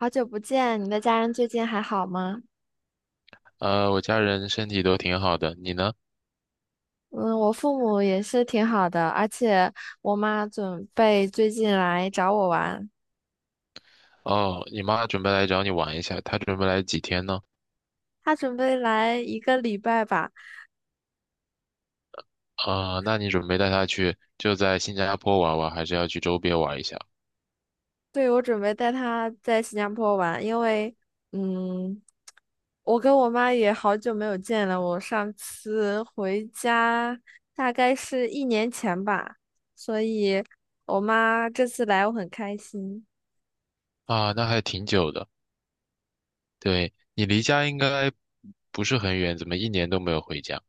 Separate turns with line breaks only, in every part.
好久不见，你的家人最近还好吗？
我家人身体都挺好的，你呢？
嗯，我父母也是挺好的，而且我妈准备最近来找我玩，
哦，你妈准备来找你玩一下，她准备来几天呢？
她准备来一个礼拜吧。
啊、那你准备带她去就在新加坡玩玩，还是要去周边玩一下？
对，我准备带她在新加坡玩，因为嗯，我跟我妈也好久没有见了，我上次回家大概是一年前吧，所以我妈这次来我很开心，
啊，那还挺久的。对，你离家应该不是很远，怎么一年都没有回家？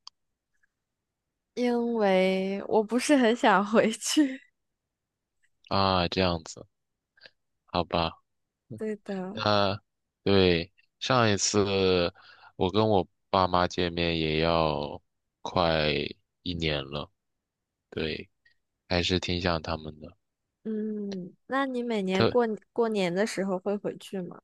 因为我不是很想回去。
啊，这样子，好吧。
对的。
那对，上一次我跟我爸妈见面也要快一年了，对，还是挺想他们的。
嗯，那你每年过年的时候会回去吗？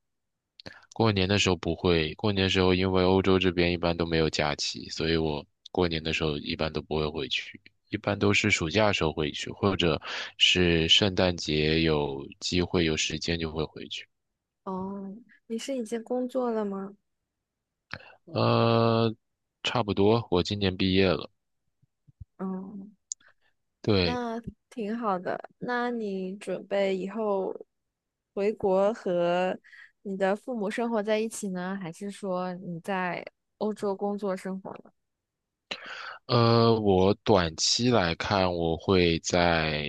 过年的时候不会，过年的时候因为欧洲这边一般都没有假期，所以我过年的时候一般都不会回去，一般都是暑假的时候回去，或者是圣诞节有机会有时间就会回去。
哦，你是已经工作了吗？
呃，差不多，我今年毕业了，
哦，
对，
那挺好的。那你准备以后回国和你的父母生活在一起呢，还是说你在欧洲工作生活呢？
我短期来看，我会在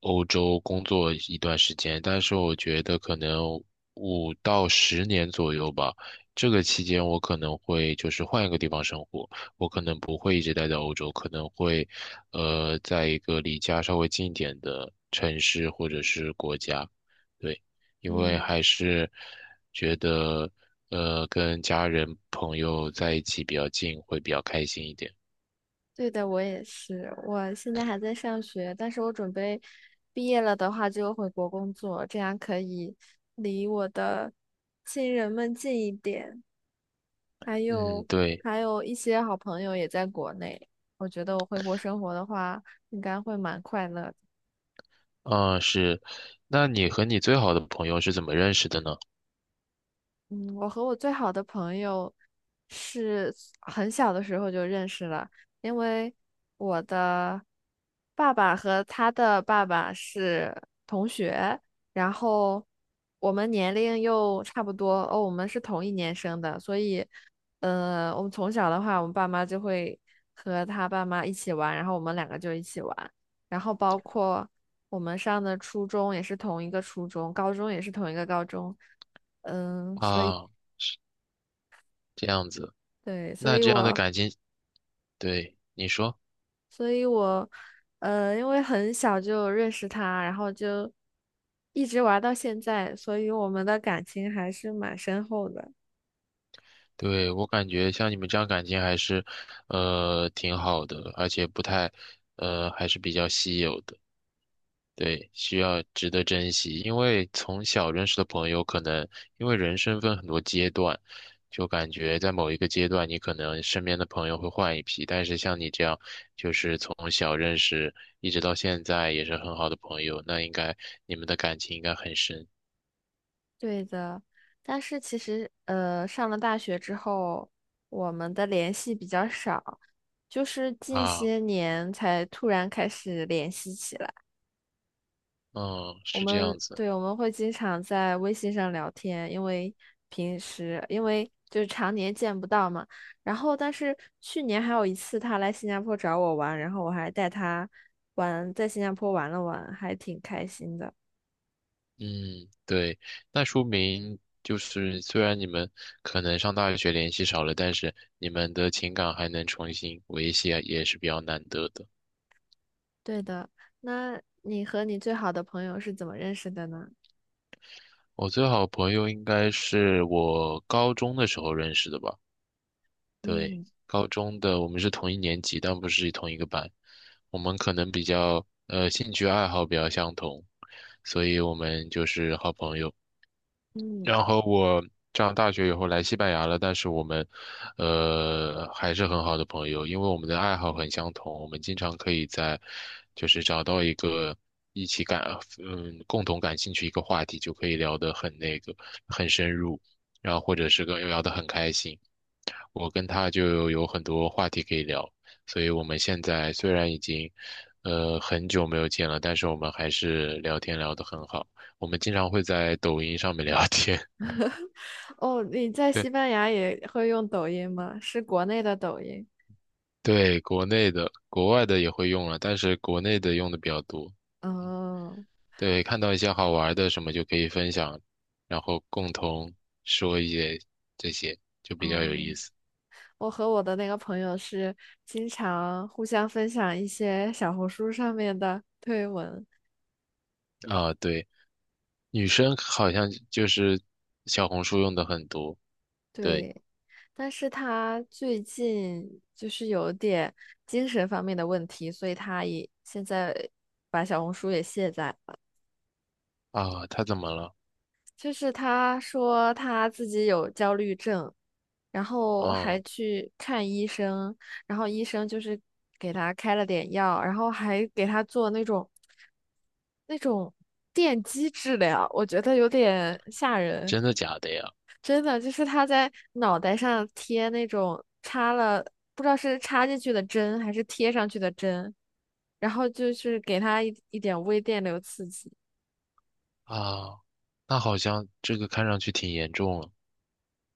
欧洲工作一段时间，但是我觉得可能五到十年左右吧。这个期间，我可能会就是换一个地方生活，我可能不会一直待在欧洲，可能会，在一个离家稍微近一点的城市或者是国家。对，因为
嗯。
还是觉得，跟家人朋友在一起比较近，会比较开心一点。
对的，我也是。我现在还在上学，但是我准备毕业了的话就回国工作，这样可以离我的亲人们近一点。还
嗯，
有
对，
还有一些好朋友也在国内，我觉得我回国生活的话，应该会蛮快乐的。
啊，是。那你和你最好的朋友是怎么认识的呢？
嗯，我和我最好的朋友是很小的时候就认识了，因为我的爸爸和他的爸爸是同学，然后我们年龄又差不多，哦，我们是同一年生的，所以，我们从小的话，我们爸妈就会和他爸妈一起玩，然后我们两个就一起玩，然后包括我们上的初中也是同一个初中，高中也是同一个高中。嗯，所以
啊，这样子，
对，所
那
以
这样的
我，
感情，对，你说，
所以我，呃，因为很小就认识他，然后就一直玩到现在，所以我们的感情还是蛮深厚的。
对，我感觉像你们这样感情还是，挺好的，而且不太，还是比较稀有的。对，需要值得珍惜，因为从小认识的朋友，可能因为人生分很多阶段，就感觉在某一个阶段，你可能身边的朋友会换一批，但是像你这样，就是从小认识一直到现在也是很好的朋友，那应该你们的感情应该很深
对的，但是其实，上了大学之后，我们的联系比较少，就是近
啊，
些年才突然开始联系起来。
嗯，是这样子，
我们会经常在微信上聊天，因为平时就是常年见不到嘛。然后，但是去年还有一次他来新加坡找我玩，然后我还带他玩，在新加坡玩了玩，还挺开心的。
嗯，对，那说明就是虽然你们可能上大学联系少了，但是你们的情感还能重新维系，也是比较难得的。
对的，那你和你最好的朋友是怎么认识的呢？
我最好朋友应该是我高中的时候认识的吧？对，
嗯
高中的我们是同一年级，但不是同一个班。我们可能比较兴趣爱好比较相同，所以我们就是好朋友。
嗯，
然后我上大学以后来西班牙了，但是我们，还是很好的朋友，因为我们的爱好很相同，我们经常可以在，就是找到一个一起感，嗯，共同感兴趣一个话题，就可以聊得很那个，很深入，然后或者是跟聊得很开心。我跟他就有很多话题可以聊，所以我们现在虽然已经，很久没有见了，但是我们还是聊天聊得很好。我们经常会在抖音上面聊天。
哦，你在
对
西班牙也会用抖音吗？是国内的抖音？
对，国内的、国外的也会用了，但是国内的用的比较多。嗯
哦
对，看到一些好玩的什么就可以分享，然后共同说一些这些，就比较有
哦，
意思
我和我的那个朋友是经常互相分享一些小红书上面的推文，
啊。对，女生好像就是小红书用的很多。对
对，但是他最近就是有点精神方面的问题，所以他也现在把小红书也卸载了。
啊，她怎么了？
就是他说他自己有焦虑症，然后还
啊，
去看医生，然后医生就是给他开了点药，然后还给他做那种电击治疗，我觉得有点吓人。
真的假的呀？
真的，就是他在脑袋上贴那种插了，不知道是插进去的针还是贴上去的针，然后就是给他一点微电流刺激。
啊，那好像这个看上去挺严重了。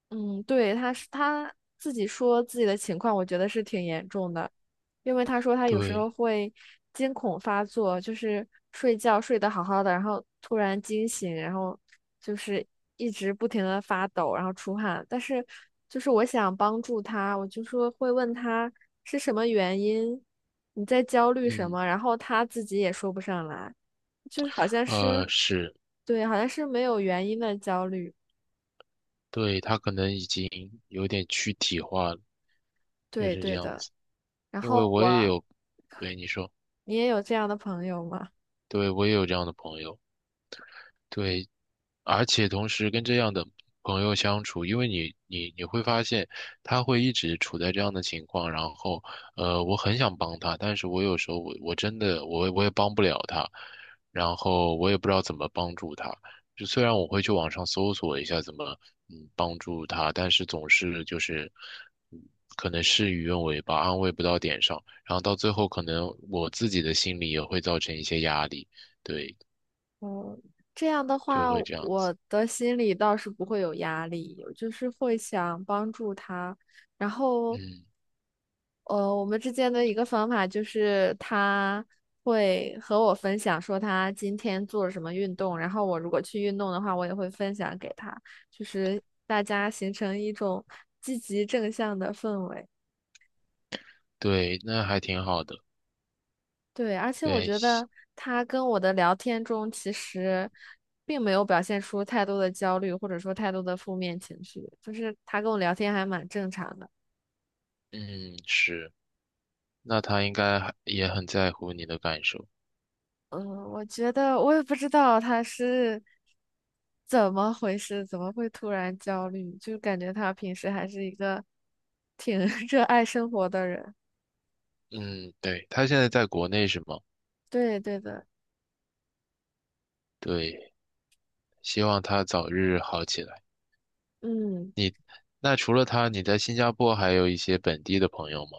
嗯，对，他自己说自己的情况，我觉得是挺严重的，因为他说他有时
对，
候会惊恐发作，就是睡觉睡得好好的，然后突然惊醒，然后就是一直不停的发抖，然后出汗。但是就是我想帮助他，我就说会问他是什么原因，你在焦虑什
嗯，
么，然后他自己也说不上来，就是好像是，
是，
对，好像是没有原因的焦虑。
对，她可能已经有点躯体化了。也
对，
是这
对
样
的。
子，
然
因为
后
我
我，
也有，对你说，
你也有这样的朋友吗？
对，我也有这样的朋友。对，而且同时跟这样的朋友相处，因为你会发现他会一直处在这样的情况，然后我很想帮他，但是我有时候真的我也帮不了他，然后我也不知道怎么帮助他。就虽然我会去网上搜索一下怎么帮助他，但是总是就是嗯可能事与愿违吧，安慰不到点上，然后到最后可能我自己的心里也会造成一些压力，对，
嗯，这样的
就
话，
会这样子。
我的心里倒是不会有压力，我就是会想帮助他。然后，
嗯，
我们之间的一个方法就是他会和我分享说他今天做了什么运动，然后我如果去运动的话，我也会分享给他，就是大家形成一种积极正向的氛围。
对，那还挺好的。
对，而且我
对，
觉
西
得他跟我的聊天中其实并没有表现出太多的焦虑，或者说太多的负面情绪，就是他跟我聊天还蛮正常的。
嗯，是，那他应该还也很在乎你的感受。
嗯，我觉得我也不知道他是怎么回事，怎么会突然焦虑，就感觉他平时还是一个挺 热爱生活的人。
嗯，对，他现在在国内是吗？
对，对的，
对，希望他早日好起来。
嗯。
那除了他，你在新加坡还有一些本地的朋友吗？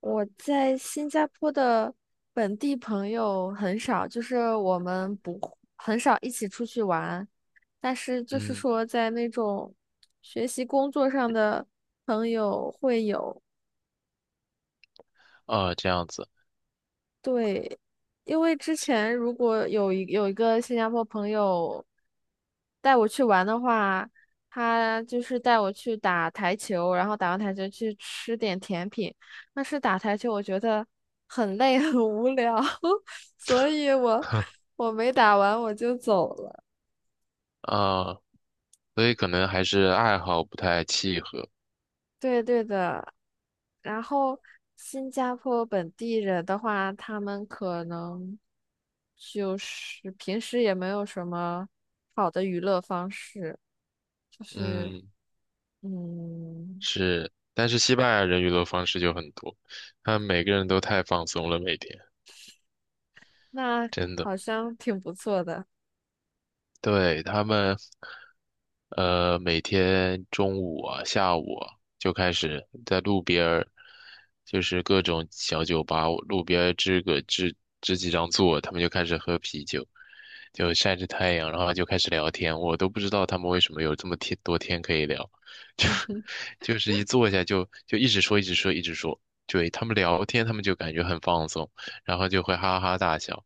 我在新加坡的本地朋友很少，就是我们不很少一起出去玩，但是就是
嗯，
说在那种学习工作上的朋友会有，
啊，这样子，
对，因为之前如果有一个新加坡朋友带我去玩的话，他就是带我去打台球，然后打完台球去吃点甜品。但是打台球我觉得很累很无聊，所以我 我没打完我就走了。
啊，所以可能还是爱好不太契合。
对对的。然后新加坡本地人的话，他们可能就是平时也没有什么好的娱乐方式，就是
嗯，
嗯，
是，但是西班牙人娱乐方式就很多，他们每个人都太放松了，每天
那
真的。
好像挺不错的。
对，他们，每天中午啊、下午啊，就开始在路边儿，就是各种小酒吧，路边儿支个支支几张座，他们就开始喝啤酒，就晒着太阳，然后就开始聊天。我都不知道他们为什么有这么天多天可以聊，就是一坐下就一直说，一直说，一直说。对，他们聊天，他们就感觉很放松，然后就会哈哈大笑。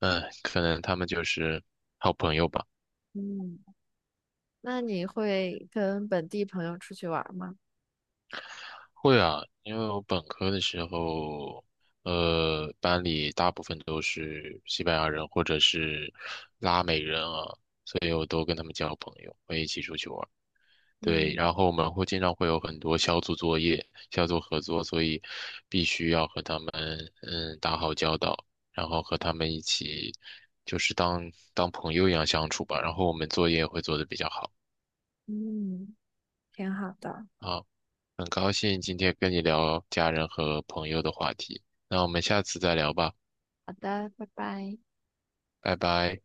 嗯，可能他们就是好朋友吧。
嗯，那你会跟本地朋友出去玩儿吗？
会啊，因为我本科的时候，班里大部分都是西班牙人或者是拉美人啊，所以我都跟他们交朋友，会一起出去玩儿对，
嗯
然后我们经常会有很多小组作业、小组合作，所以必须要和他们打好交道，然后和他们一起就是当朋友一样相处吧。然后我们作业会做得比较好。
嗯，挺好的。
好，很高兴今天跟你聊家人和朋友的话题，那我们下次再聊吧，
好的，拜拜。
拜拜。